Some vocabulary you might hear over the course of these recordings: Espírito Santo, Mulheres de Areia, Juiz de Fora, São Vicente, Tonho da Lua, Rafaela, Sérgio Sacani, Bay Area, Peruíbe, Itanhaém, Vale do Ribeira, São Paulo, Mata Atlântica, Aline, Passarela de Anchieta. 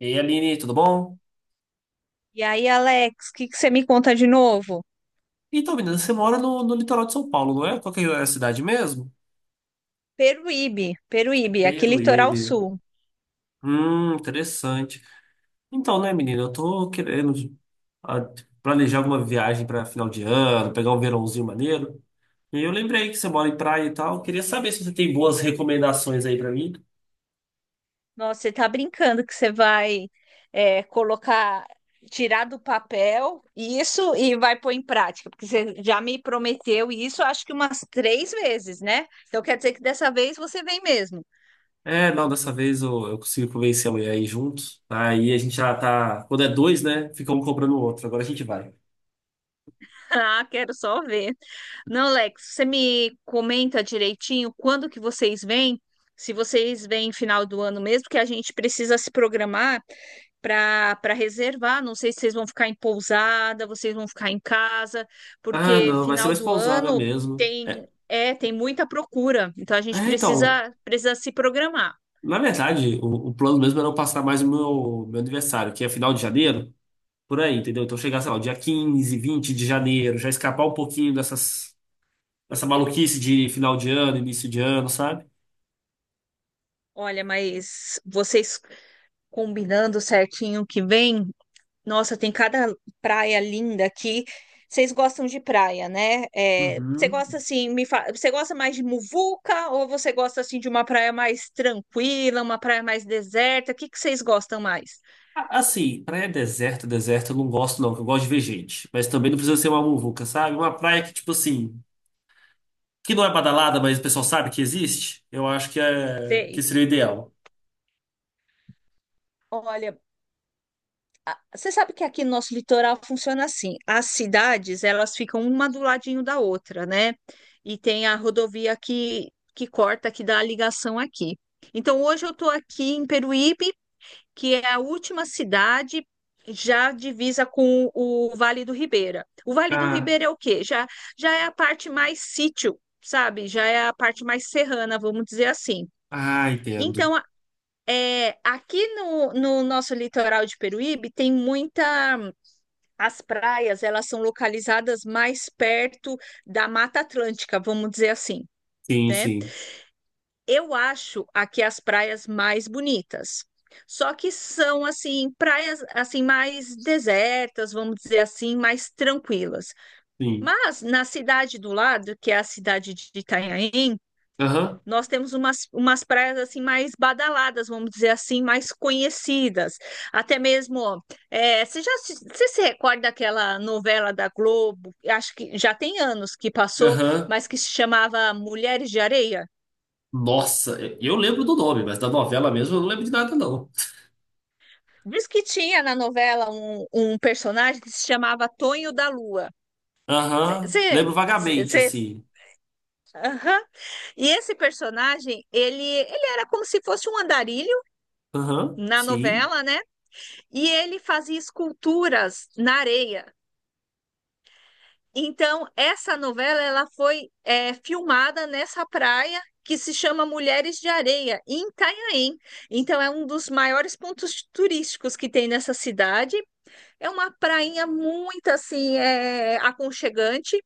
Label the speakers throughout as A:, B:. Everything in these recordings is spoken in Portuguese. A: E aí, Aline, tudo bom?
B: E aí, Alex, o que que você me conta de novo?
A: Então, menina, você mora no litoral de São Paulo, não é? Qual que é a cidade mesmo?
B: Peruíbe, Peruíbe, aqui litoral
A: Peruíbe.
B: sul.
A: Interessante. Então, né, menina, eu tô querendo ah, planejar alguma viagem para final de ano, pegar um verãozinho maneiro. E eu lembrei que você mora em praia e tal. Queria saber se você tem boas recomendações aí para mim.
B: Nossa, você tá brincando que você vai colocar, tirar do papel isso e vai pôr em prática, porque você já me prometeu isso, acho que umas três vezes, né? Então quer dizer que dessa vez você vem mesmo.
A: É, não, dessa vez eu consigo convencer a mulher aí juntos. Aí a gente já tá. Quando é dois, né? Fica um cobrando o outro. Agora a gente vai.
B: Ah, quero só ver. Não, Lex, você me comenta direitinho quando que vocês vêm? Se vocês vêm final do ano mesmo, que a gente precisa se programar para reservar. Não sei se vocês vão ficar em pousada, vocês vão ficar em casa,
A: Ah,
B: porque
A: não, vai ser
B: final
A: mais
B: do
A: pousada
B: ano
A: mesmo.
B: tem tem muita procura. Então a gente
A: É, então.
B: precisa se programar.
A: Na verdade, o plano mesmo era eu passar mais o meu aniversário, que é final de janeiro, por aí, entendeu? Então chegar, sei lá, o dia 15, 20 de janeiro, já escapar um pouquinho dessas, dessa maluquice de final de ano, início de ano, sabe?
B: Olha, mas vocês combinando certinho que vem, nossa, tem cada praia linda aqui. Vocês gostam de praia, né? É, você
A: Uhum.
B: gosta assim, você gosta mais de muvuca ou você gosta assim de uma praia mais tranquila, uma praia mais deserta? O que que vocês gostam mais?
A: Assim, praia deserta, eu não gosto não, que eu gosto de ver gente. Mas também não precisa ser uma muvuca, sabe? Uma praia que, tipo assim, que não é badalada, mas o pessoal sabe que existe, eu acho que, é, que
B: Sei.
A: seria o ideal.
B: Olha, você sabe que aqui no nosso litoral funciona assim. As cidades, elas ficam uma do ladinho da outra, né? E tem a rodovia que corta, que dá a ligação aqui. Então, hoje eu estou aqui em Peruíbe, que é a última cidade já divisa com o Vale do Ribeira. O Vale do
A: Ah,
B: Ribeira é o quê? Já, já é a parte mais sítio, sabe? Já é a parte mais serrana, vamos dizer assim.
A: ah, entendo.
B: Então, é, aqui no nosso litoral de Peruíbe tem muita. As praias, elas são localizadas mais perto da Mata Atlântica, vamos dizer assim,
A: Sim,
B: né?
A: sim,
B: Eu acho aqui as praias mais bonitas. Só que são assim praias assim mais desertas, vamos dizer assim, mais tranquilas.
A: sim.
B: Mas na cidade do lado, que é a cidade de Itanhaém,
A: Aham,
B: nós temos umas praias assim mais badaladas, vamos dizer assim, mais conhecidas. Até mesmo, ó, é, você se recorda daquela novela da Globo? Acho que já tem anos que passou,
A: aham.
B: mas que se chamava Mulheres de Areia.
A: Nossa, eu lembro do nome, mas da novela mesmo eu não lembro de nada, não.
B: Diz que tinha na novela um personagem que se chamava Tonho da Lua.
A: Aham,
B: Você.
A: lembro vagamente, assim.
B: E esse personagem, ele era como se fosse um andarilho
A: Aham,
B: na
A: sim.
B: novela, né? E ele fazia esculturas na areia. Então, essa novela ela foi é, filmada nessa praia que se chama Mulheres de Areia, em Itanhaém. Então, é um dos maiores pontos turísticos que tem nessa cidade. É uma prainha muito assim, é, aconchegante.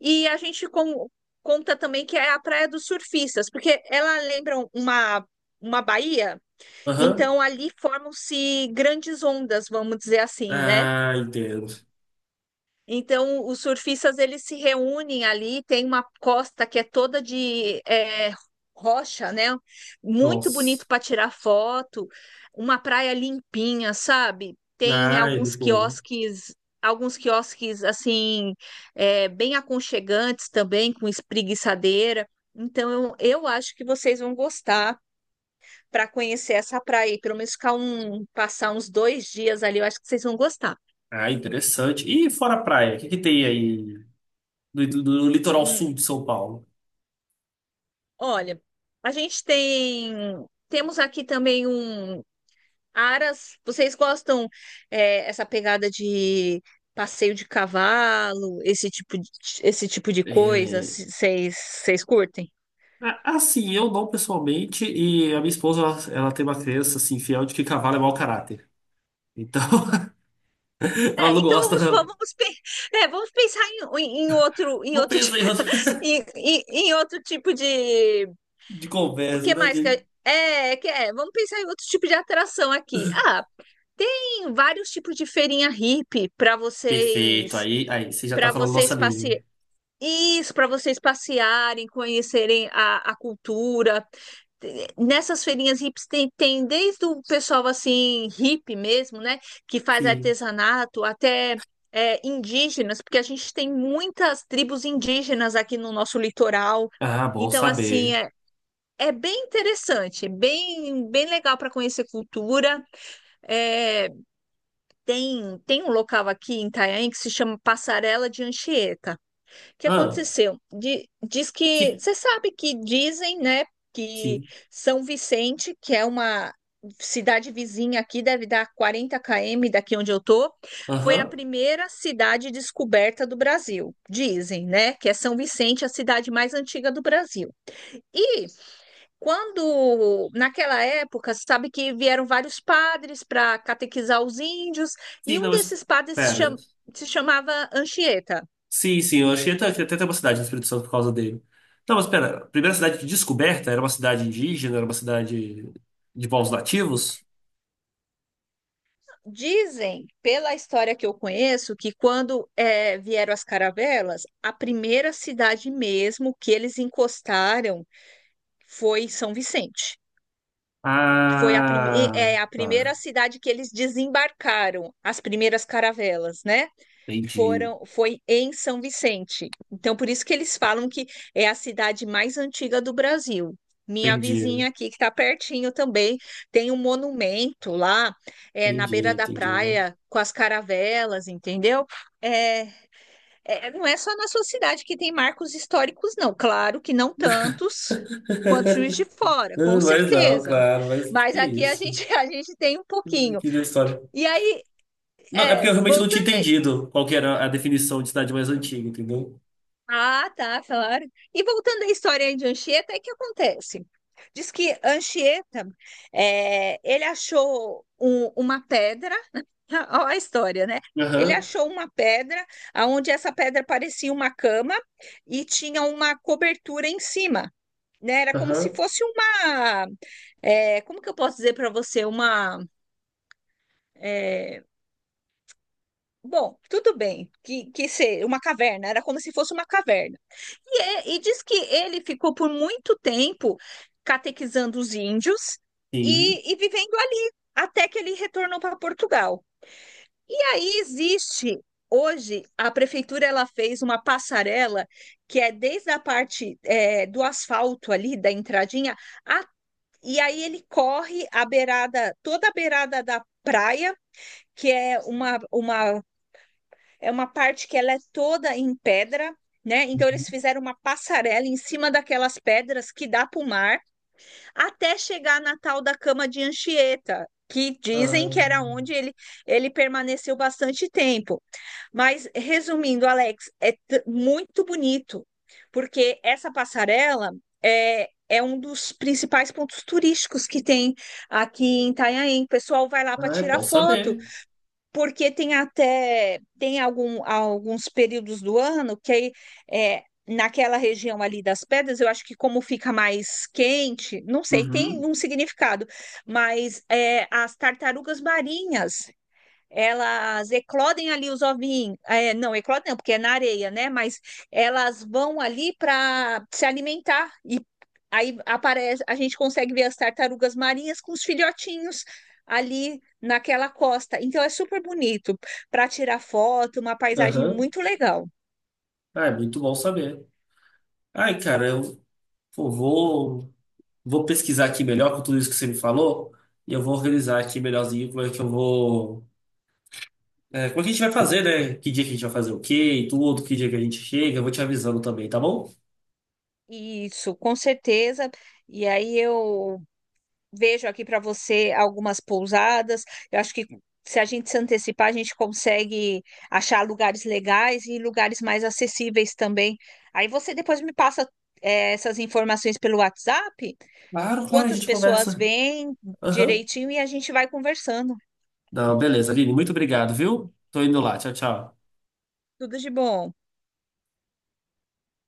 B: E a gente conta também que é a praia dos surfistas, porque ela lembra uma baía,
A: Aham.
B: então ali formam-se grandes ondas, vamos dizer assim, né?
A: Ah, entendo.
B: Então, os surfistas eles se reúnem ali, tem uma costa que é toda de é, rocha, né? Muito bonito
A: Nossa.
B: para tirar foto, uma praia limpinha, sabe? Tem
A: Ah, é muito bom.
B: alguns quiosques assim, é, bem aconchegantes também, com espreguiçadeira. Então, eu acho que vocês vão gostar para conhecer essa praia, e pelo menos passar uns dois dias ali, eu acho que vocês vão gostar.
A: Ah, interessante. E fora a praia, o que que tem aí no litoral
B: Hum.
A: sul de São Paulo?
B: Olha, a gente tem. Temos aqui também um. Aras, vocês gostam é, essa pegada de passeio de cavalo, esse tipo de coisa?
A: É,
B: Vocês curtem?
A: assim, eu não pessoalmente, e a minha esposa, ela tem uma crença, assim, fiel de que cavalo é mau caráter. Então, ela
B: É,
A: não
B: então
A: gosta,
B: vamos pensar em outro,
A: não pensa em
B: em outro tipo de.
A: de
B: O
A: conversa,
B: que
A: né?
B: mais que é, é, que é? Vamos pensar em outro tipo de atração aqui. Ah, tem vários tipos de feirinha hippie
A: Perfeito. Aí, você já tá
B: para
A: falando nossa
B: vocês passear.
A: língua.
B: Isso, para vocês passearem, conhecerem a cultura. Nessas feirinhas hips tem desde o pessoal assim, hippie mesmo, né? Que faz
A: Sim.
B: artesanato, até é, indígenas, porque a gente tem muitas tribos indígenas aqui no nosso litoral.
A: Ah, bom
B: Então, assim,
A: saber.
B: é, é bem interessante, bem, bem legal para conhecer cultura. É, tem um local aqui em Itanhaém que se chama Passarela de Anchieta. O que
A: Ah,
B: aconteceu? Diz que
A: que,
B: você sabe que dizem, né, que
A: que,
B: São Vicente, que é uma cidade vizinha aqui, deve dar 40 km daqui onde eu tô, foi a
A: aham.
B: primeira cidade descoberta do Brasil. Dizem, né, que é São Vicente, a cidade mais antiga do Brasil. E quando naquela época, sabe que vieram vários padres para catequizar os índios,
A: Sim,
B: e
A: não,
B: um
A: mas,
B: desses padres
A: pera.
B: se chamava Anchieta.
A: Sim, sim, eu achei até, que até tem uma cidade no Espírito Santo por causa dele. Não, mas pera, a primeira cidade de descoberta era uma cidade indígena, era uma cidade de povos nativos?
B: Dizem, pela história que eu conheço, que quando vieram as caravelas, a primeira cidade mesmo que eles encostaram foi São Vicente, que foi
A: Ah,
B: a primeira
A: tá.
B: cidade que eles desembarcaram as primeiras caravelas, né?
A: Entendi,
B: foram foi em São Vicente. Então, por isso que eles falam que é a cidade mais antiga do Brasil. Minha vizinha
A: entendi,
B: aqui, que está pertinho também, tem um monumento lá, é, na
A: entendi,
B: beira da
A: entendi.
B: praia, com as caravelas, entendeu? É, não é só na sua cidade que tem marcos históricos, não. Claro que não tantos quanto Juiz de Fora,
A: Ah,
B: com
A: mas não,
B: certeza.
A: claro, mas
B: Mas
A: que
B: aqui a gente,
A: isso.
B: a gente tem um pouquinho.
A: Que da história.
B: E aí,
A: Não, é porque eu
B: é,
A: realmente não tinha
B: voltando
A: entendido qual que era a definição de cidade mais antiga, entendeu?
B: ah, tá, claro. E voltando à história aí de Anchieta, aí o que acontece? Diz que Anchieta, é, uma pedra, olha a história, né? Ele
A: Aham,
B: achou uma pedra, aonde essa pedra parecia uma cama e tinha uma cobertura em cima, né? Era como se
A: aham.
B: fosse uma, é, como que eu posso dizer para você, uma eh, Bom, tudo bem que ser uma caverna, era como se fosse uma caverna. E, e diz que ele ficou por muito tempo catequizando os índios
A: Sim.
B: e vivendo ali, até que ele retornou para Portugal. E aí existe, hoje, a prefeitura ela fez uma passarela que é desde a parte é, do asfalto ali, da entradinha, a- e aí ele corre a beirada, toda a beirada da praia, que é uma é uma parte que ela é toda em pedra, né? Então
A: Uhum.
B: eles fizeram uma passarela em cima daquelas pedras que dá para o mar, até chegar na tal da cama de Anchieta, que dizem que era
A: Ah,
B: onde ele permaneceu bastante tempo. Mas resumindo, Alex, é muito bonito, porque essa passarela é um dos principais pontos turísticos que tem aqui em Itanhaém. O pessoal vai lá para
A: ah, é
B: tirar
A: bom
B: foto
A: saber.
B: porque tem alguns períodos do ano que aí, é, naquela região ali das pedras, eu acho que como fica mais quente, não sei, tem
A: Uhum,
B: um significado, mas é, as tartarugas marinhas elas eclodem ali os ovinhos, é, não, eclodem não, porque é na areia, né? Mas elas vão ali para se alimentar e aí aparece, a gente consegue ver as tartarugas marinhas com os filhotinhos ali naquela costa. Então é super bonito para tirar foto, uma paisagem
A: aham.
B: muito legal.
A: Ah, é muito bom saber. Ai, cara, pô, vou, vou pesquisar aqui melhor com tudo isso que você me falou e eu vou organizar aqui melhorzinho como é que eu vou. É, como é que a gente vai fazer, né? Que dia que a gente vai fazer o quê e tudo, que dia que a gente chega, eu vou te avisando também, tá bom?
B: Isso, com certeza. E aí eu vejo aqui para você algumas pousadas. Eu acho que se a gente se antecipar, a gente consegue achar lugares legais e lugares mais acessíveis também. Aí você depois me passa, eh, essas informações pelo WhatsApp,
A: Claro, claro, a
B: quantas
A: gente
B: pessoas
A: conversa.
B: vêm
A: Aham.
B: direitinho e a gente vai conversando.
A: Não, beleza, Vini, muito obrigado, viu? Tô indo lá. Tchau, tchau.
B: Tudo de bom.